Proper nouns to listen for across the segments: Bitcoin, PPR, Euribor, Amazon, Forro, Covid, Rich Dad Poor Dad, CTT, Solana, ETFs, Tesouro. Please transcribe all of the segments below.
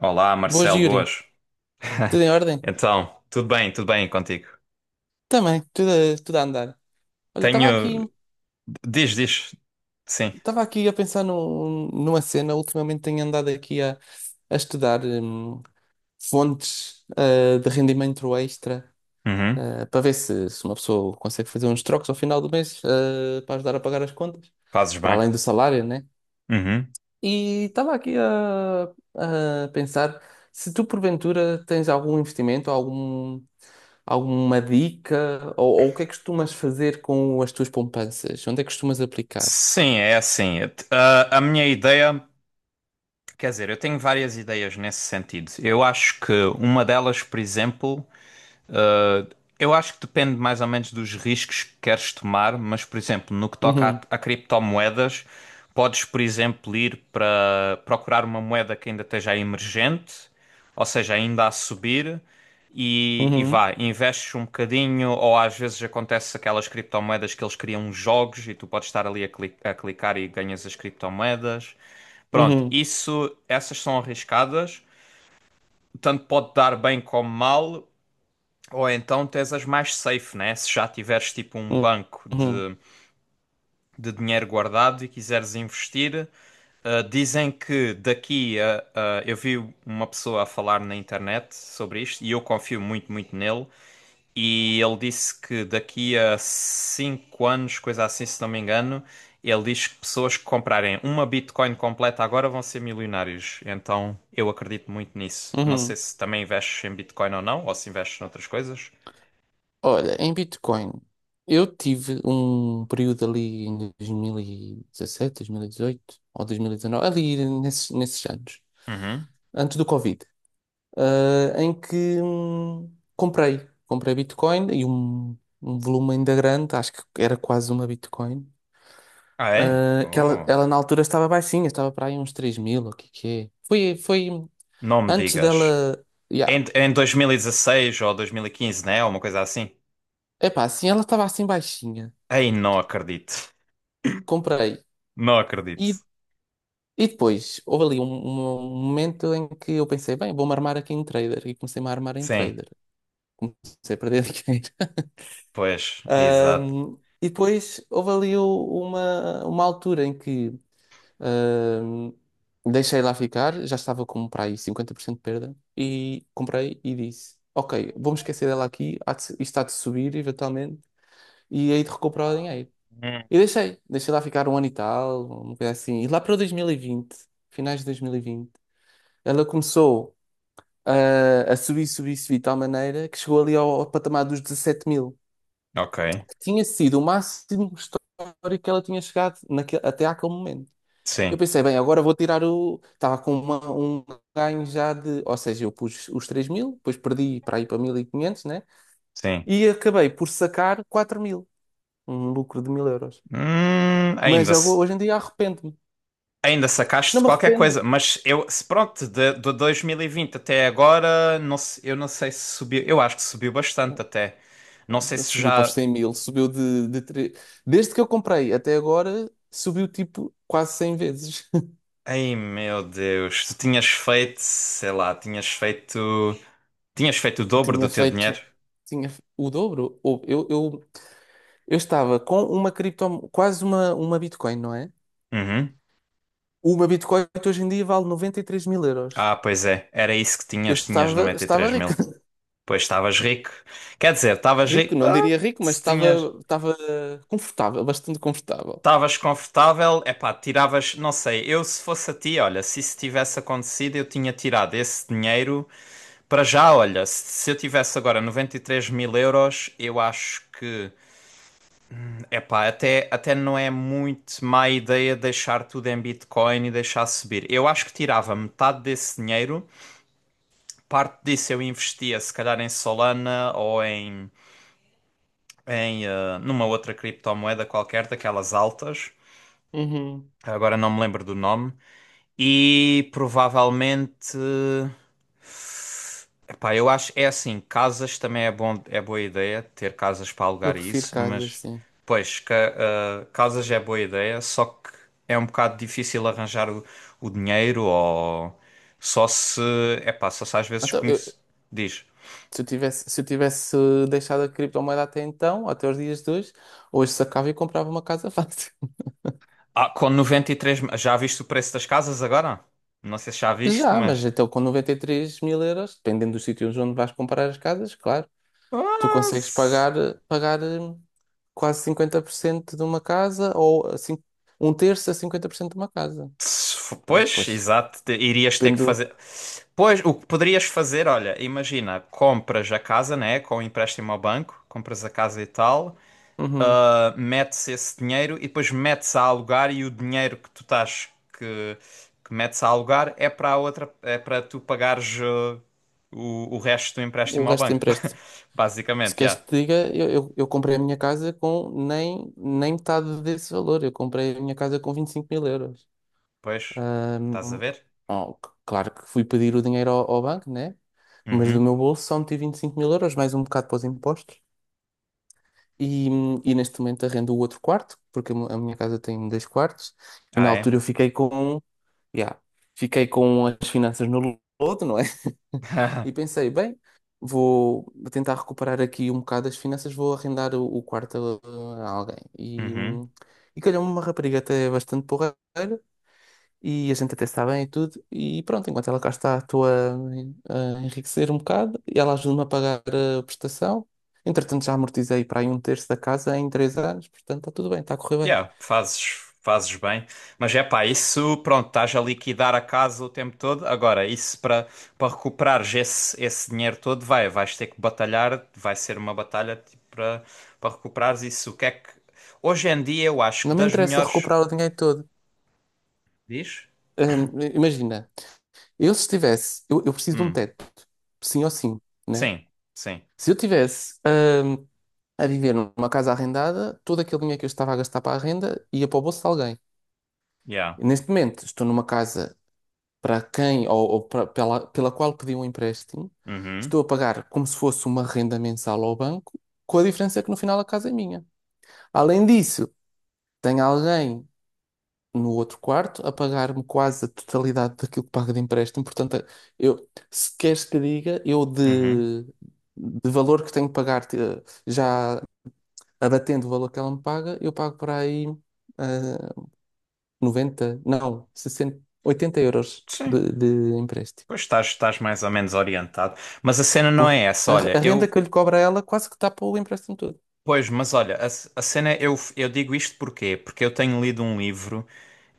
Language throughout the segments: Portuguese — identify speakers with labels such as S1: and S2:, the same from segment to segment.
S1: Olá,
S2: Boas,
S1: Marcelo,
S2: Yuri.
S1: boas.
S2: Tudo em ordem?
S1: Então, tudo bem contigo?
S2: Também, tudo a andar. Olha, estava
S1: Tenho.
S2: aqui,
S1: Diz, diz. Sim.
S2: estava aqui a pensar numa cena. Ultimamente tenho andado aqui a estudar fontes de rendimento extra
S1: Uhum.
S2: para ver se uma pessoa consegue fazer uns trocos ao final do mês para ajudar a pagar as contas,
S1: Fazes
S2: para
S1: bem.
S2: além do salário, né?
S1: Uhum.
S2: E estava aqui a pensar se tu porventura tens algum investimento, alguma dica, ou o que é que costumas fazer com as tuas poupanças? Onde é que costumas aplicar?
S1: Sim, é assim. A minha ideia. Quer dizer, eu tenho várias ideias nesse sentido. Eu acho que uma delas, por exemplo. Uh, Eu acho que depende mais ou menos dos riscos que queres tomar, mas, por exemplo, no que toca
S2: Uhum,
S1: a criptomoedas, podes, por exemplo, ir para procurar uma moeda que ainda esteja emergente, ou seja, ainda a subir, e
S2: uhum,
S1: vá, investes um bocadinho, ou às vezes acontece aquelas criptomoedas que eles criam uns jogos e tu podes estar ali a clicar e ganhas as criptomoedas. Pronto,
S2: uhum,
S1: isso, essas são arriscadas, tanto pode dar bem como mal. Ou então tens as mais safe, né? Se já tiveres tipo um
S2: uhum,
S1: banco
S2: uhum,
S1: de dinheiro guardado e quiseres investir, dizem que eu vi uma pessoa a falar na internet sobre isto e eu confio muito, muito nele. E ele disse que daqui a 5 anos, coisa assim, se não me engano, ele diz que pessoas que comprarem uma Bitcoin completa agora vão ser milionários. Então eu acredito muito nisso. Não sei
S2: uhum.
S1: se também investes em Bitcoin ou não, ou se investes noutras coisas.
S2: Olha, em Bitcoin, eu tive um período ali em 2017, 2018 ou 2019, ali nesses anos,
S1: Uhum.
S2: antes do Covid, em que comprei Bitcoin e um volume ainda grande, acho que era quase uma Bitcoin,
S1: Ah, é?
S2: que ela,
S1: Oh,
S2: ela na altura estava baixinha, estava para aí uns 3 mil, o que que é? Foi
S1: não me
S2: antes
S1: digas.
S2: dela,
S1: Em,
S2: yeah.
S1: em 2016 ou 2015, né? Uma coisa assim.
S2: Epá, assim, ela estava assim baixinha,
S1: Ei, não acredito.
S2: comprei.
S1: Não acredito.
S2: E depois, houve ali um momento em que eu pensei, bem, vou-me armar aqui em trader. E comecei-me a armar em
S1: Sim,
S2: trader. Comecei a perder dinheiro.
S1: pois, exato.
S2: Ahm, e depois, houve ali uma altura em que ahm, deixei lá ficar, já estava com para aí 50% de perda. E comprei e disse, ok, vou-me esquecer dela aqui, há de se- isto há de subir eventualmente, e aí de recuperar o dinheiro.
S1: Hum.
S2: E deixei lá ficar um ano e tal, uma coisa assim. E lá para o 2020, finais de 2020, ela começou a subir, subir, subir de tal maneira que chegou ali ao patamar dos 17 mil,
S1: Ok,
S2: que tinha sido o máximo histórico que ela tinha chegado até àquele momento. Eu
S1: sim,
S2: pensei, bem, agora vou tirar o. Estava com um ganho já de. Ou seja, eu pus os 3 mil, depois perdi para ir para 1.500, né?
S1: sim.
S2: E acabei por sacar 4 mil, um lucro de 1.000 euros. Mas
S1: Ainda,
S2: agora,
S1: se-
S2: hoje em dia arrependo-me.
S1: ainda
S2: Não
S1: sacaste
S2: me
S1: qualquer coisa,
S2: arrependo.
S1: mas eu, se pronto, de 2020 até agora, não, eu não sei se subiu. Eu acho que subiu bastante até. Não sei se
S2: Subiu para os
S1: já.
S2: 100 mil, subiu. Desde que eu comprei até agora, subiu tipo quase 100 vezes.
S1: Ei, meu Deus, tu tinhas feito, sei lá, tinhas feito. Tinhas feito o dobro do
S2: tinha
S1: teu dinheiro?
S2: feito tinha fe- o dobro. Eu estava com uma criptomoeda, quase uma Bitcoin, não é?
S1: Uhum.
S2: Uma Bitcoin que hoje em dia vale 93.000 euros.
S1: Ah, pois é. Era isso que
S2: Eu
S1: tinhas. Tinhas
S2: estava,
S1: noventa e
S2: estava
S1: três
S2: rico.
S1: mil. Pois estavas rico. Quer dizer, estavas
S2: Rico,
S1: rico.
S2: não
S1: Ah,
S2: diria rico, mas
S1: se tinhas.
S2: estava confortável, bastante confortável.
S1: Estavas confortável. Epá, tiravas. Não sei. Eu, se fosse a ti, olha, se isso tivesse acontecido, eu tinha tirado esse dinheiro para já. Olha, se eu tivesse agora 93.000 euros, eu acho que. Epá, até não é muito má ideia deixar tudo em Bitcoin e deixar subir. Eu acho que tirava metade desse dinheiro parte disso eu investia se calhar em Solana ou numa outra criptomoeda qualquer daquelas altas.
S2: Uhum.
S1: Agora não me lembro do nome. E provavelmente, epá, eu acho é assim, casas também é bom, é boa ideia ter casas para
S2: Eu
S1: alugar e
S2: prefiro
S1: isso,
S2: casas,
S1: mas
S2: sim.
S1: pois casas é boa ideia, só que é um bocado difícil arranjar o dinheiro ou só se, só se às vezes
S2: Então,
S1: conhece, diz.
S2: se eu tivesse deixado a criptomoeda até então, até os dias de hoje, hoje sacava e comprava uma casa fácil.
S1: Ah, com 93. Já viste o preço das casas agora? Não sei se já viste,
S2: Já, mas
S1: mas.
S2: então com 93.000 euros, dependendo dos sítios onde vais comprar as casas, claro, tu
S1: Ah,
S2: consegues
S1: se-
S2: pagar, pagar hum, quase 50% de uma casa ou assim, um terço a 50% de uma casa.
S1: se fo-
S2: Então,
S1: Pois,
S2: pois,
S1: exato. Irias ter que
S2: depende.
S1: fazer. Pois, o que poderias fazer, olha, imagina, compras a casa, né? Com o empréstimo ao banco, compras a casa e tal,
S2: Uhum.
S1: metes esse dinheiro e depois metes a alugar e o dinheiro que tu estás que, que metes a alugar é para a outra, é para tu pagares o resto do
S2: O
S1: empréstimo ao
S2: resto
S1: banco.
S2: empresta. Se
S1: Basicamente,
S2: queres
S1: já.
S2: que te diga, eu comprei a minha casa com nem metade desse valor. Eu comprei a minha casa com 25 mil euros.
S1: Pois, estás a
S2: Ahm,
S1: ver?
S2: oh, claro que fui pedir o dinheiro ao banco, né? Mas do
S1: Uhum.
S2: meu bolso só meti 25 mil euros, mais um bocado para os impostos. E neste momento arrendo o outro quarto, porque a minha casa tem dois quartos. E na
S1: Ah, é?
S2: altura eu fiquei com Yeah. Fiquei com as finanças no lodo, não é? E pensei, bem, vou tentar recuperar aqui um bocado as finanças, vou arrendar o quarto a alguém. E,
S1: Uhum.
S2: e calhou-me uma rapariga até bastante porreira, e a gente até está bem e tudo. E pronto, enquanto ela cá está, estou a enriquecer um bocado, e ela ajuda-me a pagar a prestação. Entretanto, já amortizei para aí um terço da casa em três anos, portanto, está tudo bem, está a correr bem.
S1: Yeah, fazes bem. Mas é pá, isso, pronto, estás a liquidar a casa o tempo todo. Agora, isso para recuperares esse dinheiro todo, vais ter que batalhar, vai ser uma batalha tipo, para recuperares isso. O que é que. Hoje em dia, eu acho que
S2: Não me
S1: das
S2: interessa
S1: melhores.
S2: recuperar o dinheiro todo.
S1: Diz?
S2: Imagina, Eu se tivesse, eu preciso de um
S1: Hum.
S2: teto, sim ou sim, né?
S1: Sim, sim.
S2: Se eu tivesse, a viver numa casa arrendada, todo aquele dinheiro que eu estava a gastar para a renda ia para o bolso de alguém.
S1: Yeah.
S2: Neste momento, estou numa casa para quem ou para- pela, pela qual pedi um empréstimo,
S1: Uhum.
S2: estou a pagar como se fosse uma renda mensal ao banco, com a diferença que no final a casa é minha. Além disso, tenho alguém no outro quarto a pagar-me quase a totalidade daquilo que pago de empréstimo. Portanto, eu, se queres que diga, eu
S1: Uhum.
S2: de valor que tenho que pagar, já abatendo o valor que ela me paga, eu pago por aí ah, 90, não, 60 80 euros
S1: Sim.
S2: de empréstimo.
S1: Pois estás mais ou menos orientado. Mas a cena não é essa.
S2: A,
S1: Olha,
S2: a
S1: eu.
S2: renda que eu lhe cobro a ela quase que tapa o empréstimo todo.
S1: Pois, mas olha, a cena, eu digo isto porquê? Porque eu tenho lido um livro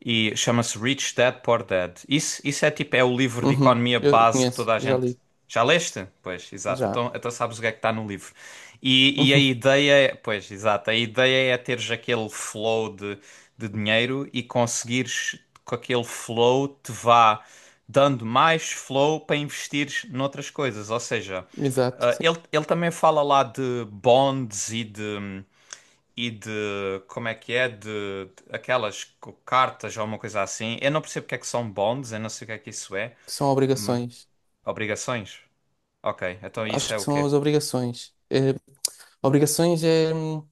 S1: e chama-se Rich Dad Poor Dad. Isso é tipo, é o livro de
S2: Uhum,
S1: economia
S2: eu
S1: base que
S2: conheço,
S1: toda a
S2: já
S1: gente.
S2: li,
S1: Já leste? Pois, exato.
S2: já.
S1: Então sabes o que é que está no livro. E a
S2: Uhum,
S1: ideia, pois, exato, a ideia é teres aquele flow de dinheiro e conseguires com aquele flow te vá dando mais flow para investires noutras coisas. Ou seja,
S2: exato, sim.
S1: ele também fala lá de bonds e de, como é que é, de aquelas cartas ou uma coisa assim. Eu não percebo o que é que são bonds, eu não sei o que é que isso é,
S2: São
S1: mas...
S2: obrigações.
S1: Obrigações? Ok, então isso
S2: Acho
S1: é
S2: que
S1: o
S2: são
S1: quê?
S2: as obrigações. É, obrigações é,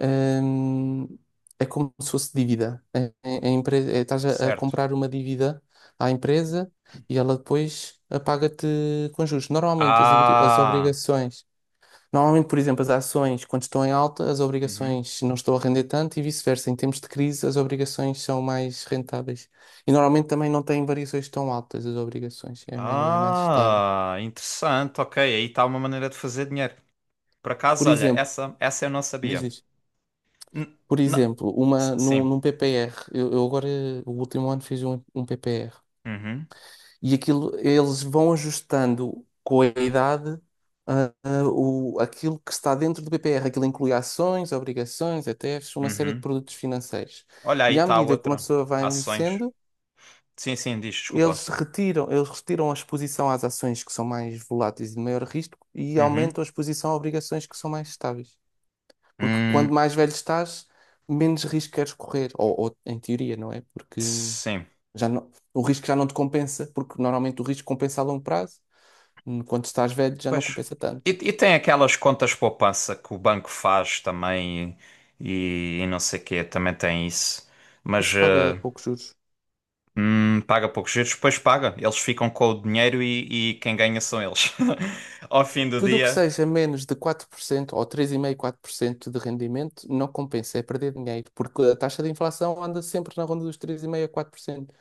S2: hum, é como se fosse dívida. Estás a
S1: Certo.
S2: comprar uma dívida à empresa e ela depois paga-te com juros. Normalmente as
S1: Ah...
S2: obrigações, normalmente, por exemplo, as ações, quando estão em alta, as
S1: Uhum.
S2: obrigações não estão a render tanto e vice-versa. Em tempos de crise, as obrigações são mais rentáveis. E normalmente também não têm variações tão altas as obrigações, é mais estável.
S1: Ah, interessante. Ok, aí está uma maneira de fazer dinheiro. Por acaso,
S2: Por
S1: olha,
S2: exemplo,
S1: essa eu não
S2: diz
S1: sabia.
S2: isto.
S1: N-
S2: Por
S1: na-
S2: exemplo, uma, num,
S1: Sim.
S2: num PPR, eu agora, o último ano, fiz um PPR.
S1: Uhum.
S2: E aquilo, eles vão ajustando com a idade, aquilo que está dentro do PPR. Aquilo inclui ações, obrigações, ETFs, uma série de
S1: Uhum.
S2: produtos financeiros.
S1: Olha, aí
S2: E à
S1: está
S2: medida que uma
S1: outra.
S2: pessoa vai
S1: Ações.
S2: envelhecendo,
S1: Sim, sim, diz, desculpa.
S2: eles retiram a exposição às ações que são mais voláteis e de maior risco e
S1: Uhum.
S2: aumentam a exposição a obrigações que são mais estáveis. Porque quanto
S1: Hum,
S2: mais velho estás, menos risco queres correr. Ou em teoria, não é? Porque
S1: sim.
S2: já não, o risco já não te compensa, porque normalmente o risco compensa a longo prazo. Quando estás velho, já não
S1: Pois.
S2: compensa
S1: E,
S2: tanto.
S1: e tem aquelas contas poupança que o banco faz também e não sei quê, também tem isso. Mas.
S2: Isso paga poucos juros.
S1: Paga poucos juros, depois paga. Eles ficam com o dinheiro e quem ganha são eles. Ao fim do
S2: Tudo o que
S1: dia.
S2: seja menos de 4% ou 3,5%, 4% de rendimento não compensa, é perder dinheiro, porque a taxa de inflação anda sempre na ronda dos 3,5 a 4%.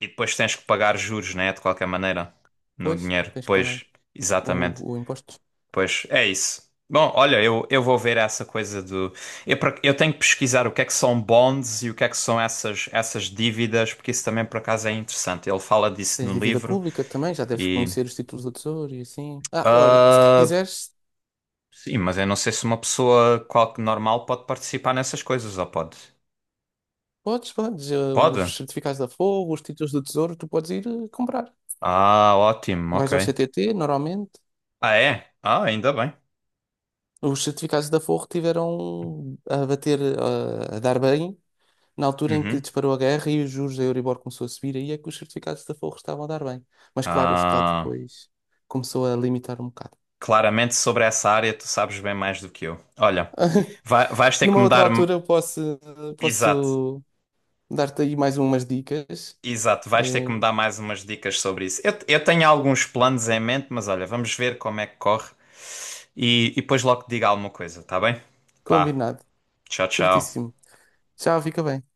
S1: E depois tens que pagar juros, né? De qualquer maneira. No
S2: Pois,
S1: dinheiro.
S2: tens que pagar
S1: Pois,
S2: o,
S1: exatamente.
S2: o imposto.
S1: Pois, é isso. Bom, olha, eu vou ver essa coisa do. Eu tenho que pesquisar o que é que são bonds e o que é que são essas dívidas, porque isso também por acaso é interessante. Ele fala disso
S2: Tens
S1: no
S2: dívida
S1: livro
S2: pública também, já deves
S1: e.
S2: conhecer os títulos do Tesouro e assim. Ah, olha, se
S1: ah,
S2: quiseres,
S1: sim, mas eu não sei se uma pessoa normal pode participar nessas coisas, ou pode?
S2: podes,
S1: Pode?
S2: os certificados da Forro, os títulos do Tesouro, tu podes ir comprar.
S1: Ah, ótimo, ok.
S2: Vais ao CTT, normalmente.
S1: Ah, é? Ah, ainda bem.
S2: Os certificados da Forro tiveram a bater, a dar bem na altura em que
S1: Uhum.
S2: disparou a guerra e os juros da Euribor começou a subir, aí é que os certificados da Forro estavam a dar bem. Mas claro, o Estado
S1: Ah,
S2: depois começou a limitar um bocado.
S1: claramente sobre essa área tu sabes bem mais do que eu. Olha, vais ter que
S2: Numa
S1: me
S2: outra
S1: dar.
S2: altura eu posso,
S1: Exato,
S2: posso dar-te aí mais umas dicas.
S1: exato. Vais ter
S2: Eh,
S1: que me dar mais umas dicas sobre isso. Eu tenho alguns planos em mente, mas olha, vamos ver como é que corre e depois logo te digo alguma coisa, tá bem? Pá,
S2: combinado.
S1: tchau, tchau.
S2: Certíssimo. Tchau, fica bem.